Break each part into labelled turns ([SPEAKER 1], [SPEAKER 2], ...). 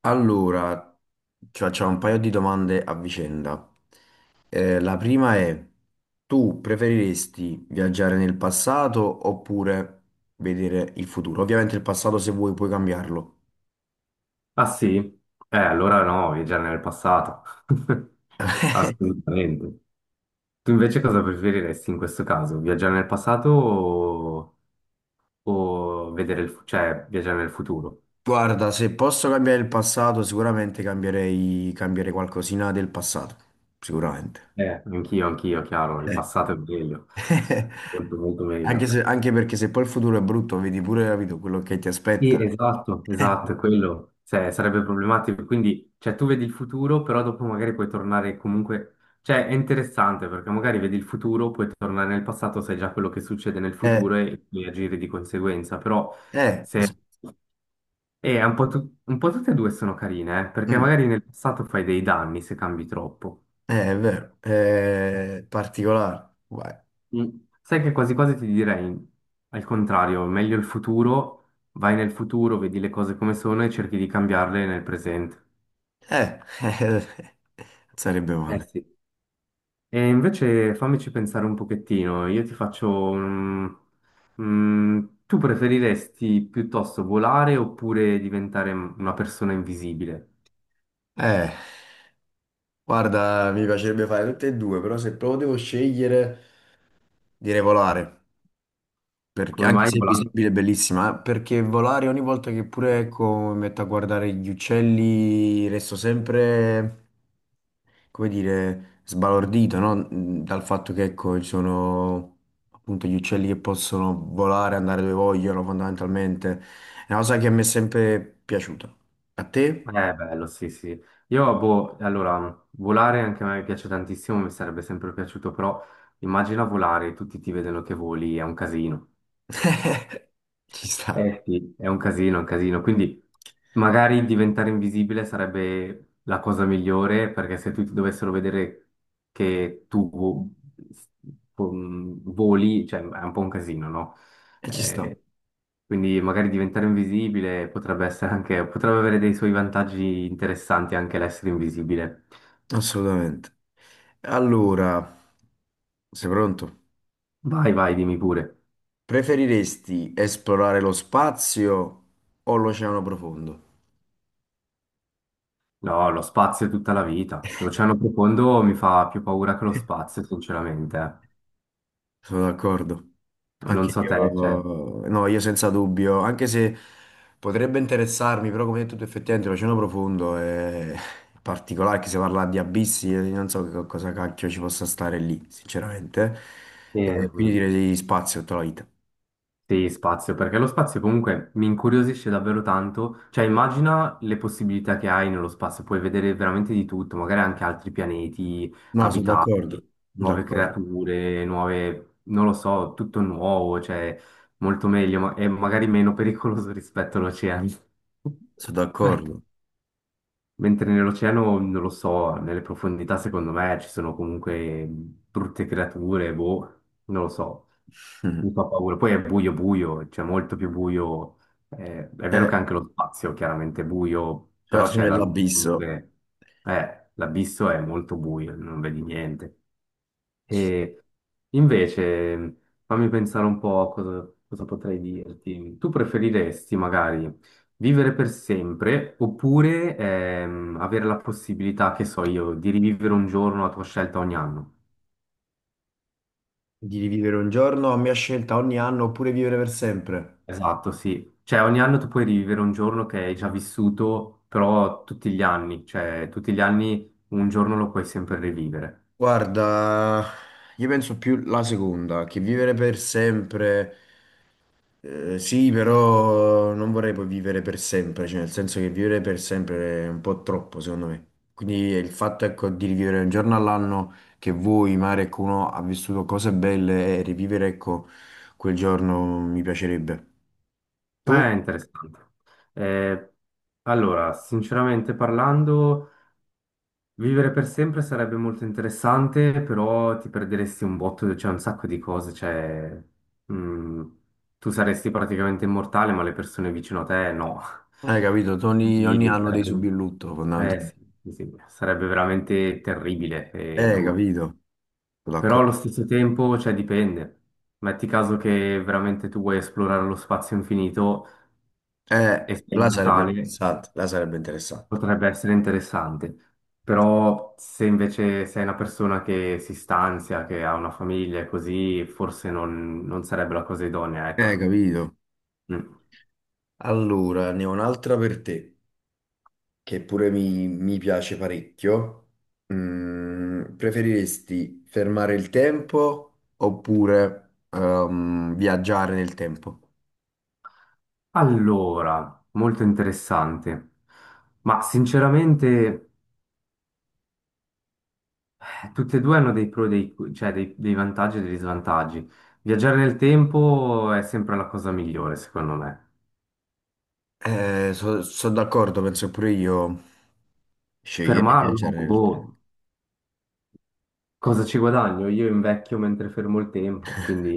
[SPEAKER 1] Allora, ci facciamo un paio di domande a vicenda. La prima è, tu preferiresti viaggiare nel passato oppure vedere il futuro? Ovviamente il passato se vuoi puoi cambiarlo.
[SPEAKER 2] Ah, sì? Allora no, viaggiare nel passato. Assolutamente. Tu invece cosa preferiresti in questo caso? Viaggiare nel passato o vedere cioè viaggiare nel futuro?
[SPEAKER 1] Guarda, se posso cambiare il passato, sicuramente cambierei qualcosina del passato, sicuramente.
[SPEAKER 2] Anch'io, chiaro, il
[SPEAKER 1] Eh.
[SPEAKER 2] passato è meglio, molto molto
[SPEAKER 1] Anche
[SPEAKER 2] meglio.
[SPEAKER 1] se- anche perché se poi il futuro è brutto, vedi pure capito, quello che ti
[SPEAKER 2] Sì,
[SPEAKER 1] aspetta.
[SPEAKER 2] esatto, esatto, è quello. Cioè, sarebbe problematico. Quindi, cioè, tu vedi il futuro, però dopo magari puoi tornare comunque. Cioè, è interessante perché magari vedi il futuro, puoi tornare nel passato, sai già quello che succede nel
[SPEAKER 1] Eh,
[SPEAKER 2] futuro e puoi agire di conseguenza. Però
[SPEAKER 1] eh, es-
[SPEAKER 2] se un po', tu- un po' tutte e due sono carine, perché
[SPEAKER 1] mm.
[SPEAKER 2] magari nel passato fai dei danni se cambi troppo.
[SPEAKER 1] È vero, è particolare. Vai.
[SPEAKER 2] Mm. Sai che quasi quasi ti direi al contrario, meglio il futuro, vai nel futuro, vedi le cose come sono e cerchi di cambiarle nel presente.
[SPEAKER 1] Eh, Non sarebbe
[SPEAKER 2] Eh
[SPEAKER 1] male.
[SPEAKER 2] sì. E invece fammici pensare un pochettino, io ti faccio un... tu preferiresti piuttosto volare oppure diventare una persona invisibile?
[SPEAKER 1] Eh, guarda, mi piacerebbe fare tutte e due, però se proprio devo scegliere, direi volare, perché,
[SPEAKER 2] Come
[SPEAKER 1] anche
[SPEAKER 2] mai
[SPEAKER 1] se è
[SPEAKER 2] volare?
[SPEAKER 1] visibile è bellissima, perché volare ogni volta che pure ecco, mi metto a guardare gli uccelli, resto sempre, come dire, sbalordito, no? Dal fatto che, ecco, ci sono appunto gli uccelli che possono volare, andare dove vogliono, fondamentalmente. È una cosa che mi è sempre piaciuta. A te?
[SPEAKER 2] Bello, sì, sì. Io, boh, allora, volare anche a me piace tantissimo, mi sarebbe sempre piaciuto, però immagina volare, tutti ti vedono che voli, è un casino.
[SPEAKER 1] Ci sta,
[SPEAKER 2] Eh sì, è un casino, è un casino. Quindi magari diventare invisibile sarebbe la cosa migliore perché se tutti dovessero vedere che voli, cioè è un po' un casino, no?
[SPEAKER 1] e ci sta,
[SPEAKER 2] Eh, quindi magari diventare invisibile potrebbe essere anche, potrebbe avere dei suoi vantaggi interessanti anche l'essere invisibile.
[SPEAKER 1] assolutamente. Allora, sei pronto?
[SPEAKER 2] Vai, vai, dimmi pure.
[SPEAKER 1] Preferiresti esplorare lo spazio o l'oceano profondo?
[SPEAKER 2] No, lo spazio è tutta la vita. L'oceano profondo mi fa più paura che lo spazio, sinceramente. Eh.
[SPEAKER 1] Sono d'accordo.
[SPEAKER 2] Non
[SPEAKER 1] Anche
[SPEAKER 2] so te, cioè.
[SPEAKER 1] io, no, io senza dubbio, anche se potrebbe interessarmi, però come hai detto tu effettivamente l'oceano profondo è particolare, che si parla di abissi, io non so che cosa cacchio ci possa stare lì, sinceramente.
[SPEAKER 2] E,
[SPEAKER 1] Quindi
[SPEAKER 2] mh,
[SPEAKER 1] direi di spazio tutta la vita.
[SPEAKER 2] sì, spazio, perché lo spazio comunque mi incuriosisce davvero tanto. Cioè, immagina le possibilità che hai nello spazio, puoi vedere veramente di tutto, magari anche altri pianeti
[SPEAKER 1] No, sono
[SPEAKER 2] abitati,
[SPEAKER 1] d'accordo, sono
[SPEAKER 2] nuove
[SPEAKER 1] d'accordo,
[SPEAKER 2] creature, nuove, non lo so, tutto nuovo, cioè molto meglio e magari meno pericoloso rispetto all'oceano.
[SPEAKER 1] sono d'accordo.
[SPEAKER 2] Mentre nell'oceano, non lo so, nelle profondità secondo me ci sono comunque brutte creature, boh, non lo so, mi
[SPEAKER 1] Mhm.
[SPEAKER 2] fa paura. Poi è buio buio, c'è molto più buio. Eh, è vero che
[SPEAKER 1] Eh,
[SPEAKER 2] anche lo spazio chiaramente è buio,
[SPEAKER 1] c'è la
[SPEAKER 2] però c'è
[SPEAKER 1] soglia
[SPEAKER 2] la luce,
[SPEAKER 1] dell'abisso,
[SPEAKER 2] comunque l'abisso è molto buio, non vedi niente. E invece, fammi pensare un po' a cosa, cosa potrei dirti. Tu preferiresti magari vivere per sempre oppure avere la possibilità, che so io, di rivivere un giorno a tua scelta ogni anno?
[SPEAKER 1] di rivivere un giorno a mia scelta ogni anno oppure vivere per sempre.
[SPEAKER 2] Esatto, sì. Cioè ogni anno tu puoi rivivere un giorno che hai già vissuto, però tutti gli anni, cioè tutti gli anni un giorno lo puoi sempre rivivere.
[SPEAKER 1] Guarda, io penso più la seconda, che vivere per sempre, sì, però non vorrei poi vivere per sempre, cioè nel senso che vivere per sempre è un po' troppo, secondo me. Quindi il fatto, ecco, di rivivere un giorno all'anno che vuoi, magari ecco, uno ha vissuto cose belle e rivivere, ecco, quel giorno mi piacerebbe.
[SPEAKER 2] È
[SPEAKER 1] Tu?
[SPEAKER 2] interessante. Eh, allora, sinceramente parlando... Vivere per sempre sarebbe molto interessante, però ti perderesti un botto, c'è un sacco di cose, cioè, mm, tu saresti praticamente immortale, ma le persone vicino a te no.
[SPEAKER 1] Hai capito? Ogni
[SPEAKER 2] Quindi
[SPEAKER 1] anno devi
[SPEAKER 2] sarebbe,
[SPEAKER 1] subire il lutto,
[SPEAKER 2] sì,
[SPEAKER 1] fondamentalmente.
[SPEAKER 2] sì, sì, sarebbe veramente terribile e
[SPEAKER 1] Eh,
[SPEAKER 2] brutto.
[SPEAKER 1] capito? Sono
[SPEAKER 2] Però allo
[SPEAKER 1] d'accordo.
[SPEAKER 2] stesso tempo, cioè, dipende. Metti caso che veramente tu vuoi esplorare lo spazio infinito
[SPEAKER 1] Eh,
[SPEAKER 2] e sei
[SPEAKER 1] là sarebbe
[SPEAKER 2] immortale.
[SPEAKER 1] interessante, là sarebbe interessante.
[SPEAKER 2] Potrebbe essere interessante, però se invece sei una persona che si stanzia, che ha una famiglia e così, forse non sarebbe la cosa idonea, ecco.
[SPEAKER 1] Capito.
[SPEAKER 2] Mm.
[SPEAKER 1] Allora, ne ho un'altra per te, che pure mi piace parecchio. Preferiresti fermare il tempo oppure viaggiare nel tempo?
[SPEAKER 2] Allora, molto interessante, ma sinceramente tutte e due hanno dei pro e dei vantaggi e degli svantaggi. Viaggiare nel tempo è sempre la cosa migliore, secondo me.
[SPEAKER 1] Sono d'accordo, penso che pure io sceglierei di
[SPEAKER 2] Fermarlo,
[SPEAKER 1] viaggiare nel tempo.
[SPEAKER 2] boh, cosa ci guadagno? Io invecchio mentre fermo il tempo, quindi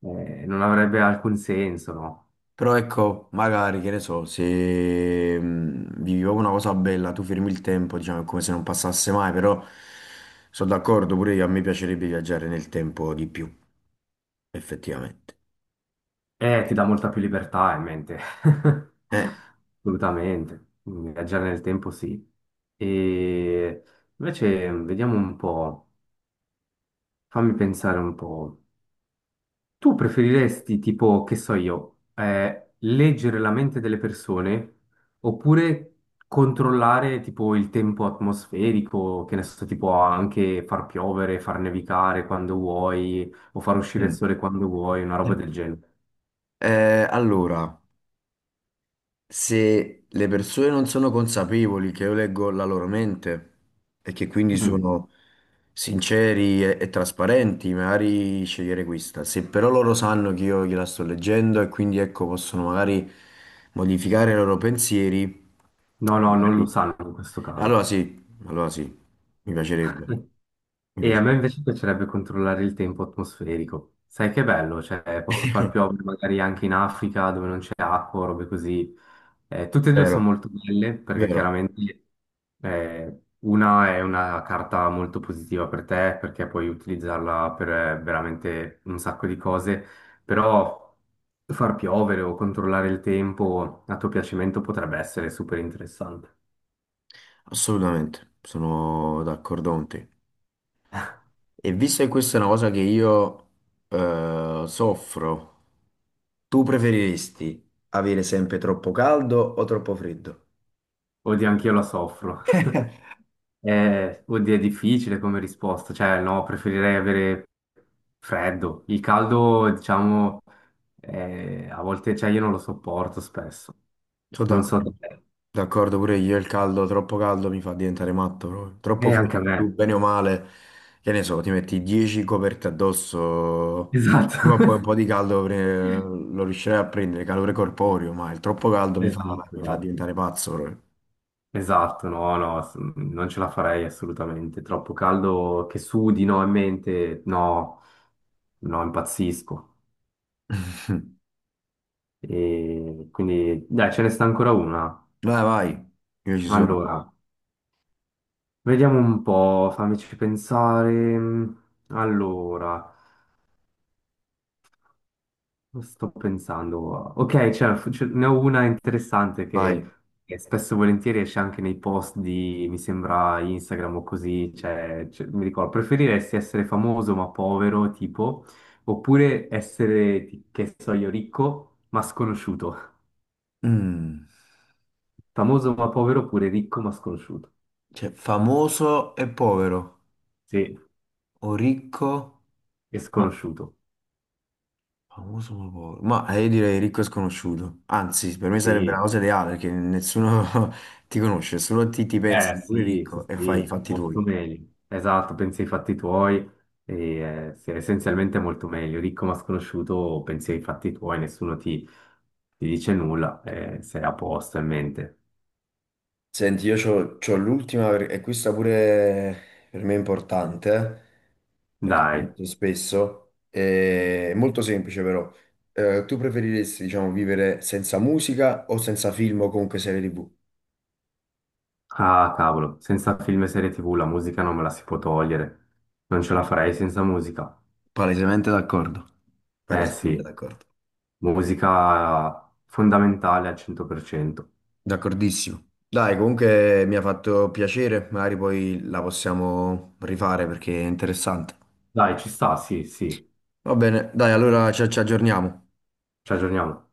[SPEAKER 2] non avrebbe alcun senso, no?
[SPEAKER 1] Però ecco, magari, che ne so, se vivi proprio una cosa bella, tu fermi il tempo, diciamo, è come se non passasse mai, però sono d'accordo, pure io, a me piacerebbe viaggiare nel tempo di più, effettivamente.
[SPEAKER 2] Ti dà molta più libertà in mente.
[SPEAKER 1] Eh,
[SPEAKER 2] Assolutamente. Quindi viaggiare nel tempo sì. E invece vediamo un po', fammi pensare un po'. Tu preferiresti, tipo, che so io, leggere la mente delle persone oppure controllare, tipo, il tempo atmosferico, che ne so, tipo, anche far piovere, far nevicare quando vuoi, o far uscire il
[SPEAKER 1] Mm.
[SPEAKER 2] sole quando vuoi, una roba del genere.
[SPEAKER 1] Allora, se le persone non sono consapevoli che io leggo la loro mente e che quindi
[SPEAKER 2] Mm.
[SPEAKER 1] sono sinceri e trasparenti, magari scegliere questa. Se però loro sanno che io gliela sto leggendo e quindi ecco possono magari modificare i loro pensieri,
[SPEAKER 2] No, no, non lo
[SPEAKER 1] magari-
[SPEAKER 2] sanno in questo caso.
[SPEAKER 1] allora sì, mi piacerebbe, mi
[SPEAKER 2] E a me
[SPEAKER 1] piacerebbe.
[SPEAKER 2] invece piacerebbe controllare il tempo atmosferico. Sai che bello, cioè posso far piovere magari anche in Africa dove non c'è acqua, robe così. Tutte e due sono
[SPEAKER 1] Vero,
[SPEAKER 2] molto belle perché
[SPEAKER 1] vero,
[SPEAKER 2] chiaramente una è una carta molto positiva per te perché puoi utilizzarla per veramente un sacco di cose, però far piovere o controllare il tempo a tuo piacimento potrebbe essere super interessante.
[SPEAKER 1] assolutamente, sono d'accordo con te. E visto che questa è una cosa che io soffro, tu preferiresti avere sempre troppo caldo o troppo freddo?
[SPEAKER 2] Oddio, anch'io la soffro. Oddio, è difficile come risposta, cioè no, preferirei avere freddo. Il caldo, diciamo, a volte, cioè io non lo sopporto spesso.
[SPEAKER 1] Sono
[SPEAKER 2] Non so
[SPEAKER 1] d'accordo.
[SPEAKER 2] te.
[SPEAKER 1] D'accordo pure io, il caldo, troppo caldo mi fa diventare matto proprio.
[SPEAKER 2] E
[SPEAKER 1] Troppo freddo,
[SPEAKER 2] anche a me.
[SPEAKER 1] tu, bene o male, che ne so, ti metti 10 coperte addosso,
[SPEAKER 2] Esatto.
[SPEAKER 1] prima o poi un po' di caldo lo riuscirai a prendere, calore corporeo, ma il troppo caldo mi fa,
[SPEAKER 2] Esatto,
[SPEAKER 1] mi fa
[SPEAKER 2] esatto.
[SPEAKER 1] diventare pazzo proprio.
[SPEAKER 2] Esatto, no, no, non ce la farei assolutamente. Troppo caldo che sudi, no, in mente, no, no, impazzisco. E quindi, dai, ce ne sta ancora una.
[SPEAKER 1] Vai, vai, io ci sono,
[SPEAKER 2] Allora. Vediamo un po', fammici pensare. Allora, sto pensando. Ok, ce ne ho una interessante che
[SPEAKER 1] vai.
[SPEAKER 2] che spesso e volentieri esce anche nei post di, mi sembra, Instagram o così. Mi ricordo, preferiresti essere famoso ma povero, tipo, oppure essere, che so io, ricco ma sconosciuto?
[SPEAKER 1] Mm.
[SPEAKER 2] Famoso ma povero oppure ricco ma sconosciuto?
[SPEAKER 1] Cioè, famoso e povero,
[SPEAKER 2] Sì,
[SPEAKER 1] o ricco,
[SPEAKER 2] e
[SPEAKER 1] ma
[SPEAKER 2] sconosciuto.
[SPEAKER 1] famoso ma povero. Ma io direi ricco e sconosciuto. Anzi, per me sarebbe la
[SPEAKER 2] Sì.
[SPEAKER 1] cosa ideale, perché nessuno ti conosce, solo ti pensi,
[SPEAKER 2] Eh
[SPEAKER 1] sei pure
[SPEAKER 2] sì, sì,
[SPEAKER 1] ricco e fai i
[SPEAKER 2] sì,
[SPEAKER 1] fatti
[SPEAKER 2] molto
[SPEAKER 1] tuoi.
[SPEAKER 2] meglio. Esatto, pensi ai fatti tuoi, e, sì, essenzialmente è molto meglio. Ricco ma sconosciuto, pensi ai fatti tuoi, nessuno ti, ti dice nulla, sei a posto in mente.
[SPEAKER 1] Senti, io c'ho l'ultima, e questa pure per me è importante, perché mi
[SPEAKER 2] Dai,
[SPEAKER 1] chiedo spesso, è molto semplice però. Tu preferiresti, diciamo, vivere senza musica o senza film o comunque serie TV?
[SPEAKER 2] ah cavolo, senza film e serie TV la musica non me la si può togliere, non ce la farei senza musica.
[SPEAKER 1] Palesemente d'accordo.
[SPEAKER 2] Eh
[SPEAKER 1] Palesemente
[SPEAKER 2] sì,
[SPEAKER 1] d'accordo.
[SPEAKER 2] musica fondamentale al 100%.
[SPEAKER 1] D'accordissimo. Dai, comunque mi ha fatto piacere, magari poi la possiamo rifare perché è interessante.
[SPEAKER 2] Dai, ci sta, sì, sì,
[SPEAKER 1] Va bene, dai, allora ci aggiorniamo.
[SPEAKER 2] ci aggiorniamo.